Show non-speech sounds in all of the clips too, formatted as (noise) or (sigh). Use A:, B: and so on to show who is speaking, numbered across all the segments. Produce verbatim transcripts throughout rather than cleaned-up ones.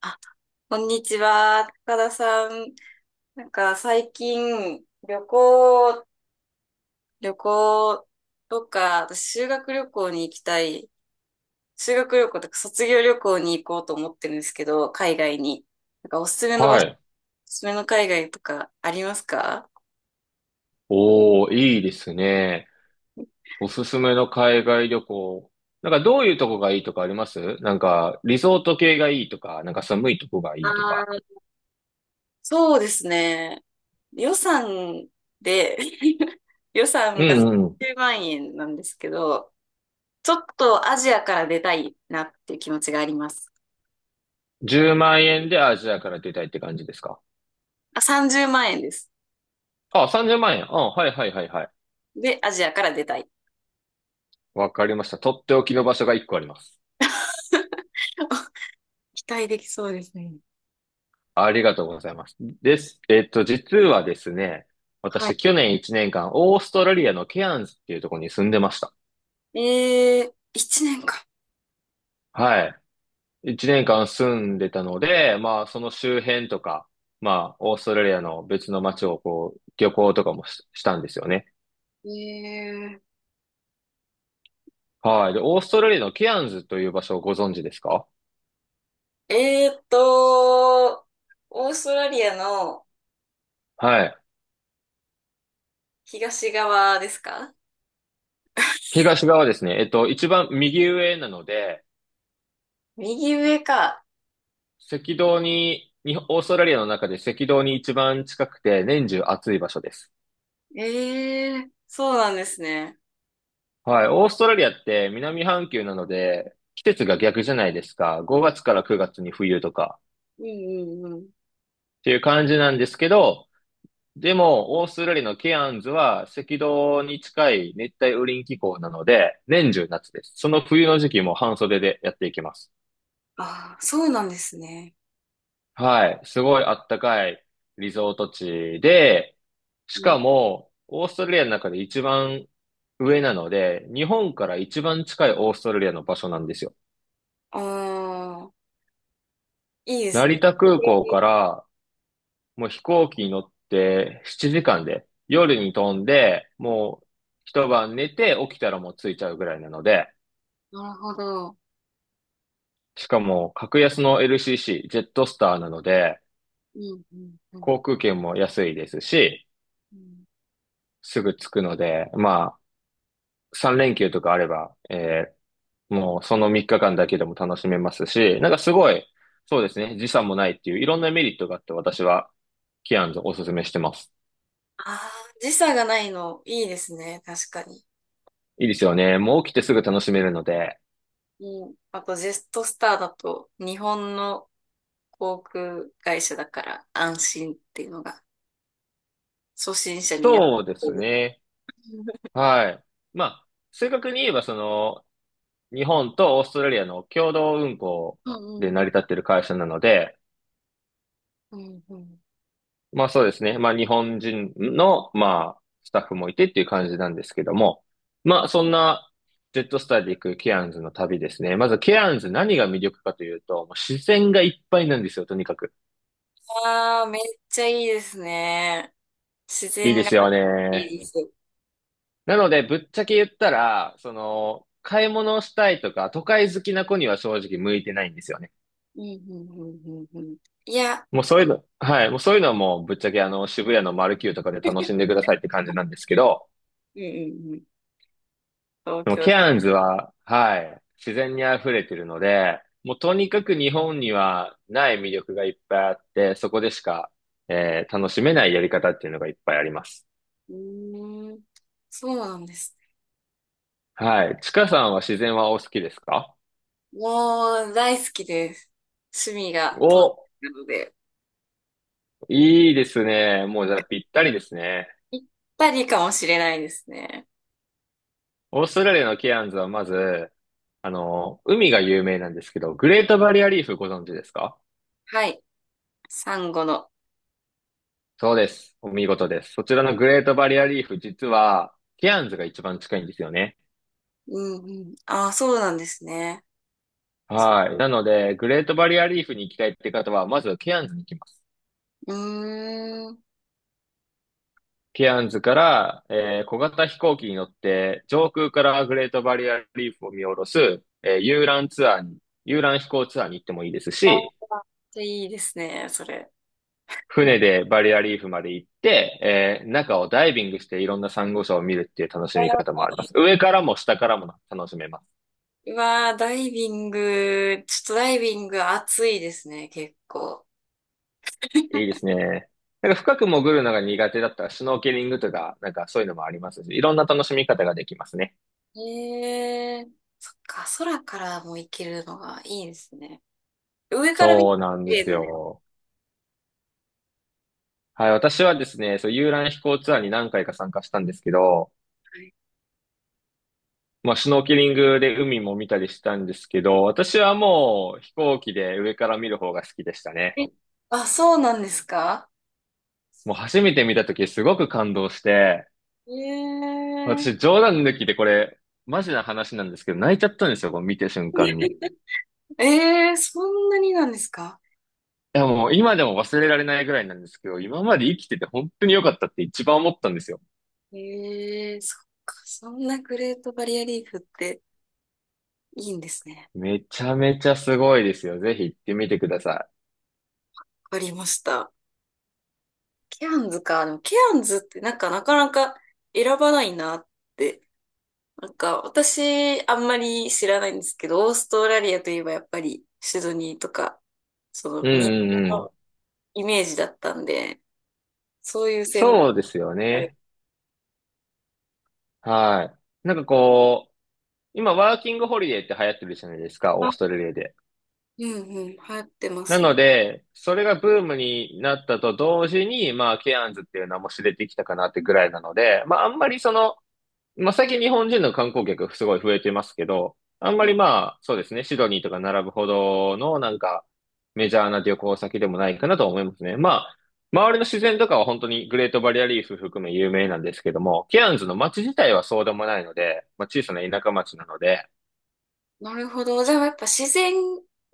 A: あ、こんにちは、高田さん。なんか最近、旅行、旅行とか、私修学旅行に行きたい、修学旅行とか卒業旅行に行こうと思ってるんですけど、海外に。なんかおすすめの場
B: は
A: 所、
B: い。
A: おすすめの海外とかありますか？
B: おー、いいですね。おすすめの海外旅行。なんかどういうとこがいいとかありますなんかリゾート系がいいとか、なんか寒いとこが
A: あ
B: いいとか。
A: あー、そうですね。予算で (laughs) 予
B: う
A: 算が
B: んうん。
A: さんじゅうまん円なんですけど、ちょっとアジアから出たいなっていう気持ちがあります。
B: じゅうまん円でアジアから出たいって感じですか？
A: あ、さんじゅうまん円です。
B: あ、さんじゅうまん円。あ、はいはいはいはい。
A: で、アジアから出たい。
B: わかりました。とっておきの場所がいっこあります。
A: (laughs) 期待できそうですね。
B: ありがとうございます。です。えっと、実はですね、
A: は
B: 私去年いちねんかん、オーストラリアのケアンズっていうところに住んでました。
A: い。えー、いちねんか。
B: はい。一年間住んでたので、まあ、その周辺とか、まあ、オーストラリアの別の街をこう、旅行とかもし、したんですよね。
A: えー、
B: はい。で、オーストラリアのケアンズという場所をご存知ですか？
A: えーっと、オーストラリアの
B: はい。
A: 東側ですか？
B: 東側ですね。えっと、一番右上なので、
A: 右上か。
B: 赤道に、日本オーストラリアの中で赤道に一番近くて年中暑い場所です。
A: えー、そうなんですね。
B: はい。オーストラリアって南半球なので、季節が逆じゃないですか。ごがつからくがつに冬とか
A: うんうんうん。
B: っていう感じなんですけど、でも、オーストラリアのケアンズは赤道に近い熱帯雨林気候なので、年中夏です。その冬の時期も半袖でやっていきます。
A: ああ、そうなんですね。
B: はい。すごいあったかいリゾート地で、し
A: うん。
B: かも、オーストラリアの中で一番上なので、日本から一番近いオーストラリアの場所なんですよ。
A: ああ、いいです
B: 成
A: ね。
B: 田空港からもう飛行機に乗ってななじかんで、夜に飛んで、もう一晩寝て起きたらもう着いちゃうぐらいなので、
A: なるほど。
B: しかも、格安の エルシーシー、ジェットスターなので、
A: うんうんうん。
B: 航空券も安いですし、
A: うん。
B: すぐ着くので、まあ、さん連休とかあれば、えーもうそのみっかかんだけでも楽しめますし、なんかすごい、そうですね、時差もないっていういろんなメリットがあって私は、キアンズをおすすめしてます。
A: あー時差がないの、いいですね。確かに。
B: いいですよね。もう起きてすぐ楽しめるので。
A: うん。あと、ジェットスターだと、日本の航空会社だから安心っていうのが、初心者にやっ
B: そうで
A: て
B: す
A: る。
B: ね。はい。まあ、正確に言えば、その、日本とオーストラリアの共同運航
A: うん
B: で
A: う
B: 成り
A: ん
B: 立っている会社なので、
A: うん。うんうん。
B: まあそうですね。まあ日本人の、まあスタッフもいてっていう感じなんですけども。まあそんなジェットスターで行くケアンズの旅ですね。まずケアンズ何が魅力かというと、もう自然がいっぱいなんですよ、とにかく。
A: ああ、めっちゃいいですね。自
B: いい
A: 然
B: で
A: が
B: すよ
A: い
B: ね。
A: いです。
B: なのでぶっちゃけ言ったら、その、買い物をしたいとか、都会好きな子には正直向いてないんですよね。
A: うんうんうんうんうん。いや、
B: もうそういうの、はい。もうそういうのはもうぶっちゃけあの渋谷のマルキューとかで楽しんでくださいって感
A: う
B: じな
A: ん
B: んですけど、
A: うんうん。東
B: でも
A: 京
B: ケ
A: で。
B: アンズは、はい、自然に溢れてるので、もうとにかく日本にはない魅力がいっぱいあって、そこでしか、えー楽しめないやり方っていうのがいっぱいあります。
A: うーん。そうなんですね。
B: はい。ちかさんは自然はお好きですか？
A: もう、大好きです。趣味が東
B: お、
A: 京なので。
B: いいですね。もうじゃあぴったりですね。
A: ぴったりかもしれないですね。
B: オーストラリアのケアンズはまず、あの、海が有名なんですけど、グレートバリアリーフご存知ですか？
A: はい。サンゴの。
B: そうです。お見事です。そちらのグレートバリアリーフ、実は、ケアンズが一番近いんですよね。
A: うんうん。ああ、そうなんですね。
B: はい。なので、グレートバリアリーフに行きたいって方は、まずケアンズに行きます。
A: うーん。
B: ケアンズから、えー小型飛行機に乗って、上空からグレートバリアリーフを見下ろす、えー遊覧ツアーに、遊覧飛行ツアーに行ってもいいですし、
A: いいですね、それ。
B: 船でバリアリーフまで行って、えー中をダイビングしていろんなサンゴ礁を見るっていう楽しみ方もあります。上からも下からも楽しめます。
A: うわー、ダイビング、ちょっとダイビング暑いですね、結構。
B: いいですね。なんか深く潜るのが苦手だったら、シュノーケリングとか、なんかそういうのもありますし、いろんな楽しみ方ができますね。
A: へえ、そっか、空からも行けるのがいいですね。上から見て
B: そうなん
A: 綺
B: で
A: 麗
B: す
A: なんですか
B: よ。はい、私はですね、そう、遊覧飛行ツアーに何回か参加したんですけど、
A: ね。
B: まあ、シュノーケリングで海も見たりしたんですけど、私はもう飛行機で上から見る方が好きでしたね。
A: え、あ、そうなんですか？
B: もう初めて見た時すごく感動して、
A: へ
B: 私
A: え。
B: 冗談抜きでこれ、マジな話なんですけど、泣いちゃったんですよ、こう見て瞬間に。い
A: (laughs) ええ、そんなになんですか？
B: や、もう今でも忘れられないぐらいなんですけど、今まで生きてて本当に良かったって一番思ったんですよ。
A: ええ、そっか。そんなグレートバリアリーフっていいんですね。
B: めちゃめちゃすごいですよ。ぜひ行ってみてくださ
A: わかりました。ケアンズか。でもケアンズってなんかなかなか選ばないなって。なんか私あんまり知らないんですけど、オーストラリアといえばやっぱりシドニーとか、その
B: い。う
A: 民
B: んう
A: 放
B: んうん。
A: のイメージだったんで、そういう線路
B: そうですよ
A: がある。
B: ね。はい。なんかこう、今ワーキングホリデーって流行ってるじゃないですか、オー
A: あ、
B: ストラリアで。
A: うんうん、流行ってま
B: な
A: す
B: の
A: ね。
B: で、それがブームになったと同時に、まあ、ケアンズっていう名も知れてきたかなってぐらいなので、まあ、あんまりその、まあ、最近日本人の観光客すごい増えてますけど、あんまりまあ、そうですね、シドニーとか並ぶほどのなんかメジャーな旅行先でもないかなと思いますね。まあ、周りの自然とかは本当にグレートバリアリーフ含め有名なんですけども、ケアンズの街自体はそうでもないので、まあ、小さな田舎町なので、
A: なるほど。じゃあやっぱ自然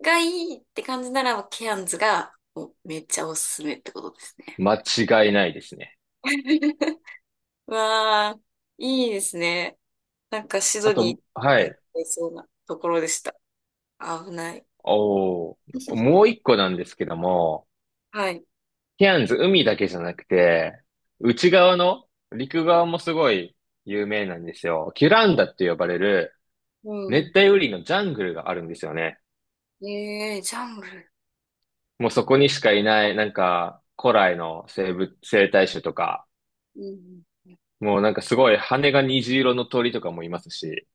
A: がいいって感じなら、ケアンズがもうめっちゃおすすめってことですね。
B: 間違いないですね。
A: (laughs) わあ、いいですね。なんかシ
B: あ
A: ド
B: と、
A: ニ
B: は
A: ー、や
B: い。
A: れそうなところでした。危ない。
B: おー、もう一個なんですけども、
A: はい。
B: ケアンズ、海だけじゃなくて、内側の陸側もすごい有名なんですよ。キュランダって呼ばれる
A: う
B: 熱
A: ん。
B: 帯雨林のジャングルがあるんですよね。
A: ええ、ジャングル。
B: もうそこにしかいない、なんか古来の生物、生態種とか、
A: うん。
B: もうなんかすごい羽が虹色の鳥とかもいますし。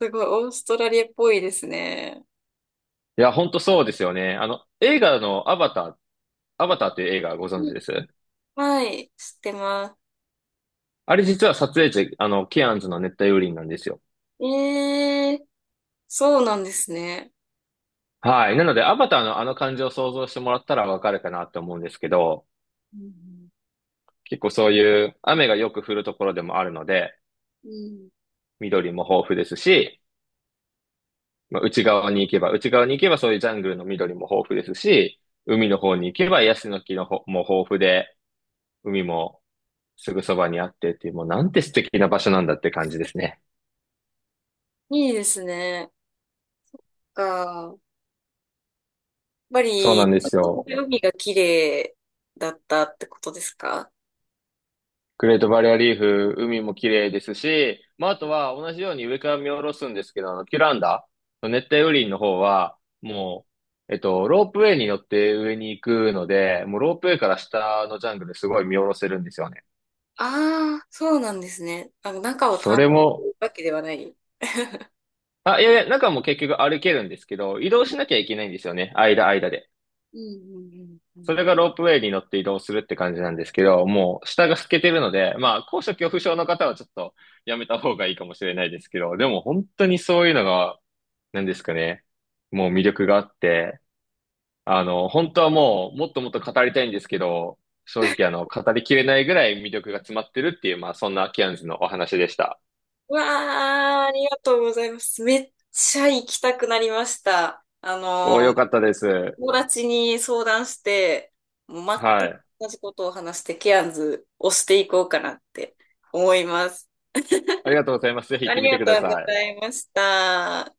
A: すごい、オーストラリアっぽいですね。
B: いや、ほんとそうですよね。あの、映画のアバター、アバターっていう映画ご存
A: う
B: 知
A: ん、
B: です？
A: はい、知ってま
B: あれ実は撮影地、あの、ケアンズの熱帯雨林なんですよ。
A: す。ええ、そうなんですね。
B: はい。なので、アバターのあの感じを想像してもらったらわかるかなと思うんですけど、
A: うん。
B: 結構そういう雨がよく降るところでもあるので、
A: うん、
B: 緑も豊富ですし、まあ、内側に行けば、内側に行けばそういうジャングルの緑も豊富ですし、海の方に行けばヤシの木のほも豊富で、海もすぐそばにあってっていう、もうなんて素敵な場所なんだって感じですね。
A: いいですね。か。ぱ
B: そうなん
A: り、
B: ですよ。
A: 海が綺麗だったってことですか？
B: グレートバリアリーフ、海も綺麗ですし、まあ、あとは同じように上から見下ろすんですけど、あの、キュランダの熱帯雨林の方は、もう、えっと、ロープウェイに乗って上に行くので、もうロープウェイから下のジャングルすごい見下ろせるんですよね。
A: ああー、そうなんですね。あの、中を
B: そ
A: 探
B: れ
A: 索す
B: も、
A: るわけではない。
B: あ、いやいや、中も結局歩けるんですけど、移動しなきゃいけないんですよね。間、間で。
A: うんうんうんうん。
B: それがロープウェイに乗って移動するって感じなんですけど、もう下が透けてるので、まあ、高所恐怖症の方はちょっとやめた方がいいかもしれないですけど、でも本当にそういうのが、なんですかね、もう魅力があって、あの、本当はもうもっともっと語りたいんですけど、正直あの、語りきれないぐらい魅力が詰まってるっていう、まあ、そんなキアンズのお話でした。
A: うわあ、ありがとうございます。めっちゃ行きたくなりました。あ
B: お、
A: の
B: よか
A: ー、
B: ったです。
A: 友達に相談して、もう全
B: は
A: く
B: い。
A: 同じことを話して、ケアンズをしていこうかなって思います。
B: ありがとうございます。ぜひ行
A: あ
B: って
A: り
B: みて
A: が
B: く
A: と
B: だ
A: う
B: さ
A: ご
B: い。
A: ざいました。